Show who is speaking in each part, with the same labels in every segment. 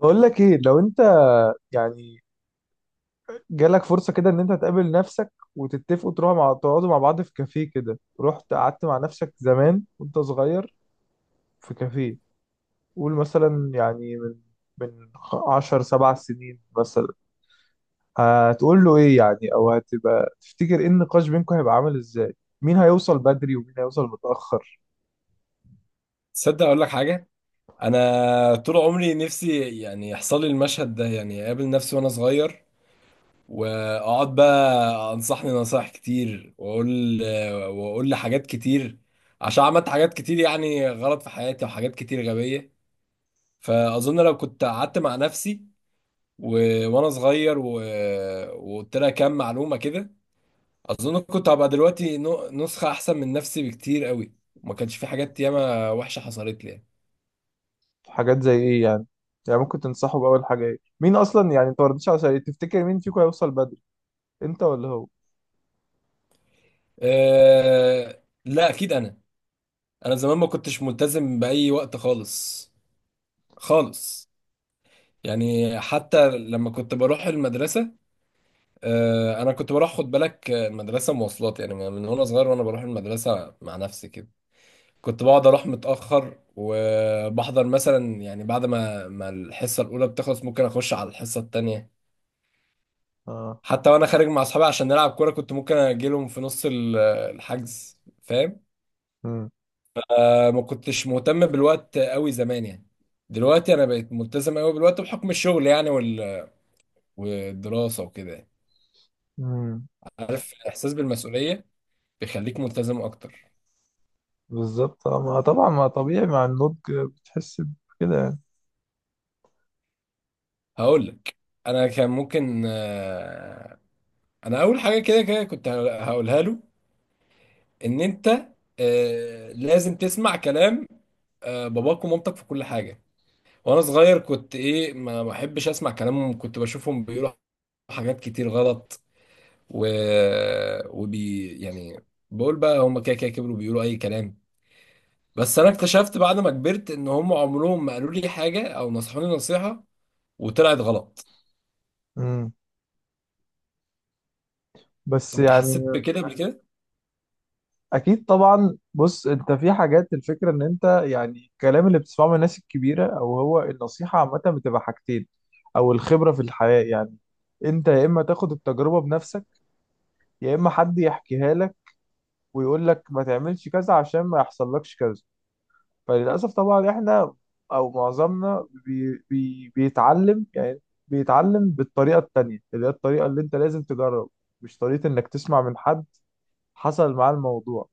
Speaker 1: بقول لك ايه؟ لو انت يعني جالك فرصة كده ان انت تقابل نفسك وتتفقوا تروحوا مع تقعدوا مع بعض في كافيه كده، رحت قعدت مع نفسك زمان وانت صغير في كافيه، قول مثلا من 10 7 سنين مثلا، هتقول له ايه يعني؟ او هتبقى تفتكر ايه؟ النقاش بينكم هيبقى عامل ازاي؟ مين هيوصل بدري ومين هيوصل متأخر؟
Speaker 2: تصدق اقول لك حاجه. انا طول عمري نفسي يعني يحصل لي المشهد ده، يعني اقابل نفسي وانا صغير واقعد بقى انصحني نصايح كتير، واقول لي حاجات كتير، عشان عملت حاجات كتير يعني غلط في حياتي وحاجات كتير غبيه. فاظن لو كنت قعدت مع نفسي و... وانا صغير وقلت لها كام معلومه كده، اظن كنت هبقى دلوقتي نسخه احسن من نفسي بكتير قوي، ما كانش في حاجات ياما وحشه حصلت لي يعني.
Speaker 1: حاجات زي ايه يعني؟ يعني ممكن تنصحه بأول حاجة ايه؟ مين اصلا، يعني انت ما ردتش على سؤالي، تفتكر مين فيكم هيوصل بدري؟ انت ولا هو؟
Speaker 2: أه لا اكيد انا. انا زمان ما كنتش ملتزم باي وقت خالص، خالص. يعني حتى لما كنت بروح المدرسه، أه انا كنت بروح، خد بالك المدرسه مواصلات يعني من وانا صغير، وانا بروح المدرسه مع نفسي كده كنت بقعد اروح متاخر، وبحضر مثلا يعني بعد ما الحصه الاولى بتخلص ممكن اخش على الحصه التانيه.
Speaker 1: اه.
Speaker 2: حتى وانا خارج مع اصحابي عشان نلعب كوره كنت ممكن اجيلهم في نص الحجز، فاهم؟ ما كنتش مهتم بالوقت قوي زمان يعني. دلوقتي انا بقيت ملتزم قوي بالوقت بحكم الشغل يعني والدراسه وكده يعني.
Speaker 1: امم.
Speaker 2: عارف الاحساس بالمسؤوليه بيخليك ملتزم اكتر.
Speaker 1: بالظبط آه، ما طبعا ما طبيعي مع النضج بتحس بكده يعني.
Speaker 2: هقول لك، انا كان ممكن انا اول حاجه كده كده كنت هقولها له، ان انت لازم تسمع كلام باباك ومامتك في كل حاجه. وانا صغير كنت ايه، ما بحبش اسمع كلامهم، كنت بشوفهم بيقولوا حاجات كتير غلط و... وبي يعني، بقول بقى هم كده كده كبروا بيقولوا اي كلام. بس انا اكتشفت بعد ما كبرت ان هم عمرهم ما قالوا لي حاجه او نصحوني نصيحه وطلعت غلط.
Speaker 1: امم. بس
Speaker 2: انت
Speaker 1: يعني
Speaker 2: حسيت بكده قبل كده؟
Speaker 1: اكيد طبعا. بص، انت في حاجات، الفكره ان انت يعني الكلام اللي بتسمعه من الناس الكبيره او هو النصيحه عامه بتبقى حاجتين، او الخبره في الحياه يعني، انت يا اما تاخد التجربه بنفسك، يا اما حد يحكيها لك ويقول لك ما تعملش كذا عشان ما يحصل لكش كذا. فللأسف طبعا احنا او معظمنا بي بي بيتعلم يعني، بيتعلم بالطريقة التانية اللي هي الطريقة اللي انت لازم تجرب، مش طريقة انك تسمع من حد حصل معاه الموضوع.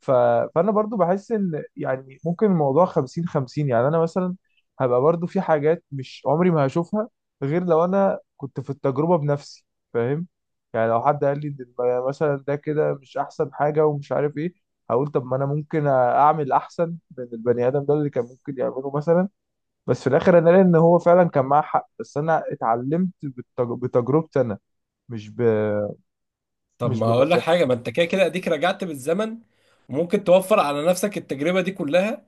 Speaker 1: ف... فانا برضو بحس ان يعني ممكن الموضوع 50 50 يعني. انا مثلا هبقى برضو في حاجات مش عمري ما هشوفها غير لو انا كنت في التجربة بنفسي، فاهم؟ يعني لو حد قال لي إن مثلا ده كده مش احسن حاجة ومش عارف ايه، هقول طب ما انا ممكن اعمل احسن من البني ادم ده اللي كان ممكن يعمله مثلا. بس في الاخر انا لقيت ان هو فعلا كان معاه حق، بس انا اتعلمت بتجربتي انا، مش ب...
Speaker 2: طب
Speaker 1: مش
Speaker 2: ما هقول لك
Speaker 1: بالنصيحة.
Speaker 2: حاجه، ما انت كده كده اديك رجعت بالزمن وممكن توفر على نفسك التجربه دي كلها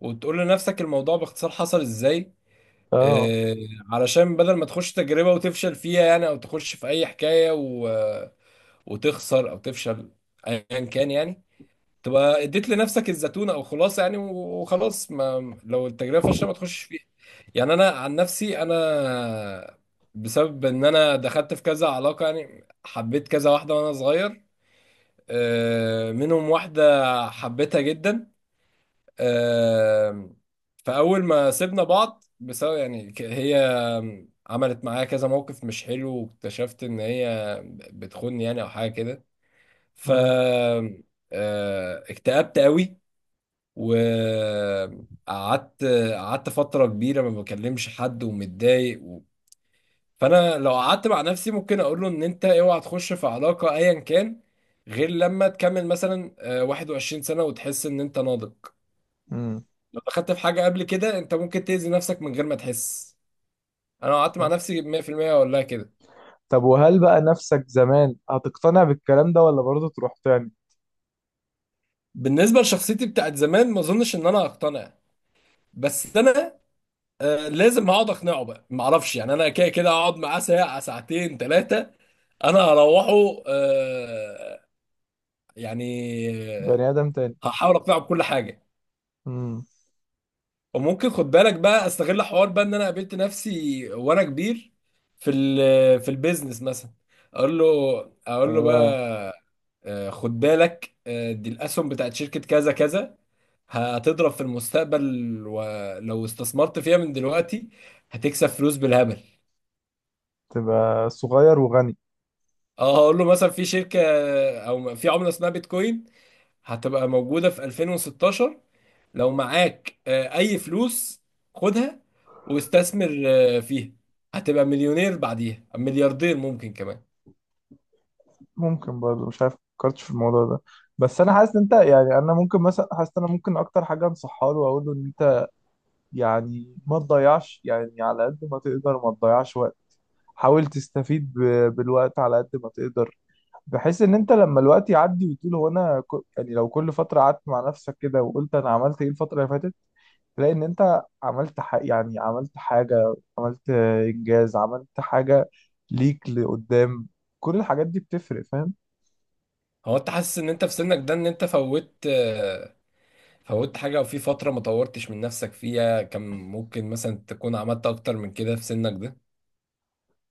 Speaker 2: وتقول لنفسك الموضوع باختصار حصل ازاي.
Speaker 1: اه.
Speaker 2: آه، علشان بدل ما تخش تجربه وتفشل فيها يعني، او تخش في اي حكايه وتخسر او تفشل، ايا كان يعني، تبقى اديت لنفسك الزتونه او خلاصه يعني، وخلاص ما لو التجربه فاشله ما تخشش فيها. يعني انا عن نفسي، انا بسبب ان انا دخلت في كذا علاقه يعني، حبيت كذا واحده وانا صغير، منهم واحده حبيتها جدا، آه، فاول ما سيبنا بعض بسبب يعني هي عملت معايا كذا موقف مش حلو، واكتشفت ان هي بتخوني يعني او حاجه كده. ف اكتئبت قوي وقعدت، قعدت فترة كبيرة ما بكلمش حد ومتضايق فأنا لو قعدت مع نفسي ممكن أقول له إن أنت أوعى تخش في علاقة أيا كان، غير لما تكمل مثلا 21 سنة وتحس إن أنت ناضج.
Speaker 1: امم.
Speaker 2: لو دخلت في حاجة قبل كده أنت ممكن تأذي نفسك من غير ما تحس. أنا لو قعدت مع
Speaker 1: صح.
Speaker 2: نفسي 100% أقول لها كده.
Speaker 1: طب وهل بقى نفسك زمان هتقتنع بالكلام ده ولا برضه تروح تاني؟
Speaker 2: بالنسبة لشخصيتي بتاعت زمان ما أظنش إن أنا هقتنع، بس أنا لازم هقعد اقنعه بقى، ما اعرفش يعني، انا كده كده هقعد معاه ساعه ساعتين ثلاثه. انا هروحه يعني آه،
Speaker 1: بني آدم تاني.
Speaker 2: هحاول اقنعه بكل حاجه.
Speaker 1: امم.
Speaker 2: وممكن، خد بالك بقى، استغل حوار بقى ان انا قابلت نفسي وانا كبير في في البيزنس مثلا، اقول له، اقول له
Speaker 1: اه.
Speaker 2: بقى خد بالك، دي الاسهم بتاعت شركه كذا كذا هتضرب في المستقبل، ولو استثمرت فيها من دلوقتي هتكسب فلوس بالهبل.
Speaker 1: تبقى صغير وغني.
Speaker 2: اه هقول له مثلا في شركة او في عملة اسمها بيتكوين، هتبقى موجودة في 2016، لو معاك اي فلوس خدها واستثمر فيها، هتبقى مليونير بعديها ملياردير ممكن كمان.
Speaker 1: ممكن برضه، مش عارف، فكرتش في الموضوع ده. بس انا حاسس ان انت يعني، انا ممكن مثلا، حاسس ان انا ممكن اكتر حاجه انصحها له واقول له ان انت يعني ما تضيعش، يعني على قد ما تقدر ما تضيعش وقت. حاول تستفيد بالوقت على قد ما تقدر، بحيث ان انت لما الوقت يعدي وتقول هو انا يعني لو كل فتره قعدت مع نفسك كده وقلت انا عملت ايه الفتره اللي فاتت، لان انت يعني عملت حاجه، عملت انجاز، عملت حاجه ليك لقدام، كل الحاجات دي بتفرق، فاهم؟
Speaker 2: هو انت حاسس ان انت في سنك ده ان انت فوت فوت حاجة، وفي فترة ما طورتش من نفسك فيها كان ممكن مثلا تكون عملت اكتر من كده في سنك ده؟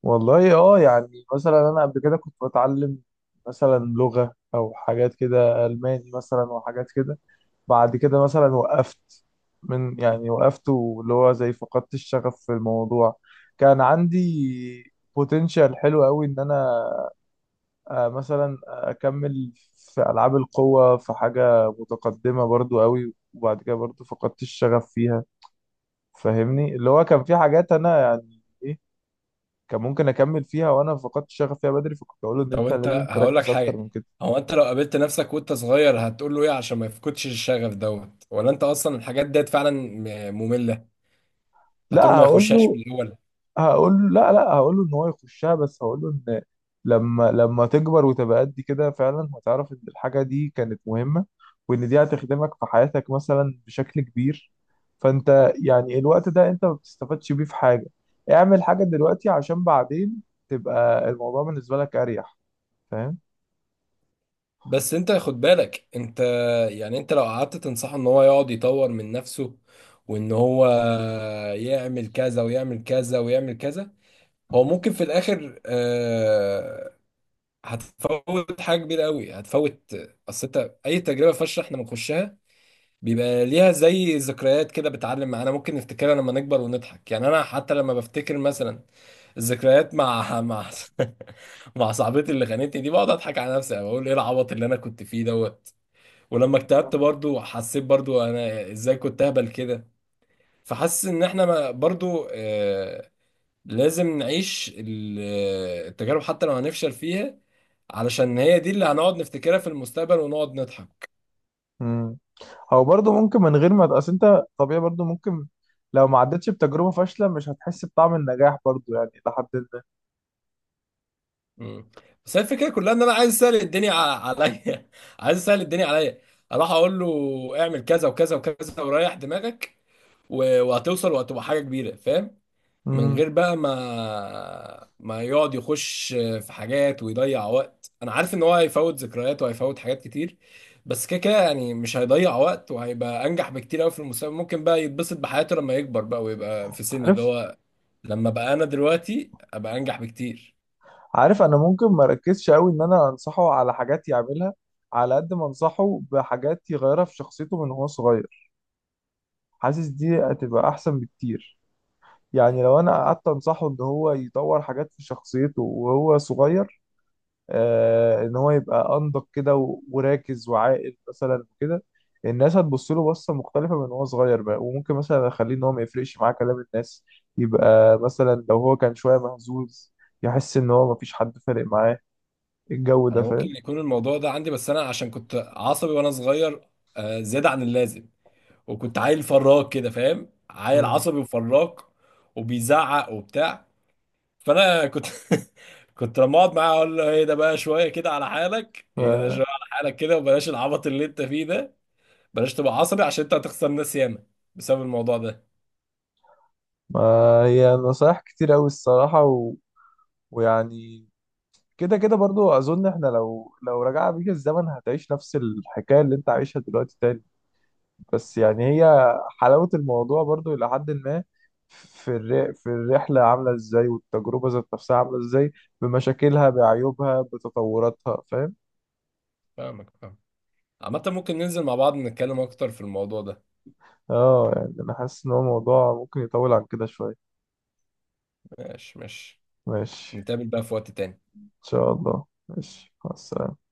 Speaker 1: والله اه، يعني مثلا انا قبل كده كنت بتعلم مثلا لغه او حاجات كده، الماني مثلا وحاجات كده، بعد كده مثلا وقفت من يعني وقفت، واللي هو زي فقدت الشغف في الموضوع. كان عندي بوتنشال حلو قوي ان انا آه، مثلا اكمل في العاب القوه، في حاجه متقدمه برضو قوي، وبعد كده برضو فقدت الشغف فيها. فاهمني؟ اللي هو كان في حاجات انا يعني ايه، كان ممكن اكمل فيها وانا فقدت الشغف فيها بدري، فكنت اقول له ان
Speaker 2: طب
Speaker 1: انت
Speaker 2: انت
Speaker 1: لازم
Speaker 2: هقول لك
Speaker 1: تركز اكتر
Speaker 2: حاجه،
Speaker 1: من كده.
Speaker 2: هو انت لو قابلت نفسك وانت صغير هتقول له ايه عشان ما يفقدش الشغف دوت؟ ولا انت اصلا الحاجات ديت فعلا ممله؟ هتقول
Speaker 1: لا
Speaker 2: ما
Speaker 1: هقول
Speaker 2: يخشهاش
Speaker 1: له،
Speaker 2: من الاول؟
Speaker 1: هقول له لا لا، هقول له ان هو يخشها، بس هقول له ان لما تكبر وتبقى قد كده فعلا هتعرف ان الحاجه دي كانت مهمه، وان دي هتخدمك في حياتك مثلا بشكل كبير. فانت يعني الوقت ده انت ما بتستفادش بيه في حاجه. اعمل حاجه دلوقتي عشان بعدين تبقى الموضوع بالنسبه لك اريح، فاهم؟
Speaker 2: بس انت خد بالك انت، يعني انت لو قعدت تنصحه ان هو يقعد يطور من نفسه وان هو يعمل كذا ويعمل كذا ويعمل كذا، هو ممكن في الاخر هتفوت حاجه كبيره قوي هتفوت. اصل انت اي تجربه فاشله احنا بنخشها بيبقى ليها زي ذكريات كده بتعلم معانا، ممكن نفتكرها لما نكبر ونضحك. يعني انا حتى لما بفتكر مثلا الذكريات مع مع صاحبتي اللي خانتني دي بقعد اضحك على نفسي، بقول ايه العبط اللي انا كنت فيه دوت. ولما اكتئبت برضو، حسيت برضو انا ازاي كنت اهبل كده. فحاسس ان احنا برضو لازم نعيش التجارب حتى لو هنفشل فيها، علشان هي دي اللي هنقعد نفتكرها في المستقبل ونقعد نضحك.
Speaker 1: امم. هو برضه ممكن من غير ما، اصل انت طبيعي برضه ممكن لو ما عدتش بتجربه فاشله مش هتحس بطعم النجاح برضه يعني، لحد ما.
Speaker 2: مم. بس هي الفكره كلها ان انا عايز اسهل الدنيا عليا. عايز اسهل الدنيا عليا، اروح اقول له اعمل كذا وكذا وكذا وريح دماغك، وهتوصل وهتبقى حاجه كبيره، فاهم؟ من
Speaker 1: امم.
Speaker 2: غير بقى ما يقعد يخش في حاجات ويضيع وقت. انا عارف ان هو هيفوت ذكريات وهيفوت حاجات كتير، بس كده كده يعني مش هيضيع وقت وهيبقى انجح بكتير قوي في المستقبل، ممكن بقى يتبسط بحياته لما يكبر بقى ويبقى في سني اللي
Speaker 1: عارف.
Speaker 2: هو، لما بقى انا دلوقتي ابقى انجح بكتير.
Speaker 1: عارف. انا ممكن ما اركزش قوي ان انا انصحه على حاجات يعملها، على قد ما انصحه بحاجات يغيرها في شخصيته من هو صغير، حاسس دي هتبقى احسن بكتير. يعني لو انا قعدت انصحه ان هو يطور حاجات في شخصيته وهو صغير، آه ان هو يبقى انضج كده وراكز وعاقل مثلا وكده، الناس هتبص له بصة مختلفة من هو صغير بقى. وممكن مثلا اخليه ان هو ما يفرقش معاه كلام الناس، يبقى مثلا لو هو كان شوية مهزوز يحس ان هو مفيش حد فارق معاه الجو ده،
Speaker 2: انا ممكن
Speaker 1: فاهم؟
Speaker 2: يكون الموضوع ده عندي، بس انا عشان كنت عصبي وانا صغير زيادة عن اللازم، وكنت عيل فراك كده، فاهم؟ عيل
Speaker 1: مم.
Speaker 2: عصبي وفراك وبيزعق وبتاع. فانا كنت، كنت لما اقعد معاه اقول له ايه ده بقى، شويه كده على حالك، ايه ده
Speaker 1: آه،
Speaker 2: شويه على حالك كده، وبلاش العبط اللي انت فيه ده، بلاش تبقى عصبي عشان انت هتخسر ناس ياما بسبب الموضوع ده.
Speaker 1: ما هي نصايح كتير أوي الصراحة ويعني كده كده برضو. أظن إحنا لو رجع بيك الزمن هتعيش نفس الحكاية اللي أنت عايشها دلوقتي تاني. بس يعني هي حلاوة الموضوع برضو إلى حد ما في في الرحلة عاملة إزاي، والتجربة ذات نفسها عاملة إزاي، بمشاكلها بعيوبها بتطوراتها، فاهم؟
Speaker 2: فاهمك، فاهم. عامة ممكن ننزل مع بعض نتكلم اكتر في الموضوع ده.
Speaker 1: آه يعني أنا حاسس إن هو موضوع ممكن يطول عن كده شوية.
Speaker 2: ماشي ماشي،
Speaker 1: ماشي.
Speaker 2: نتقابل بقى في وقت تاني.
Speaker 1: إن شاء الله، ماشي، مع السلامة.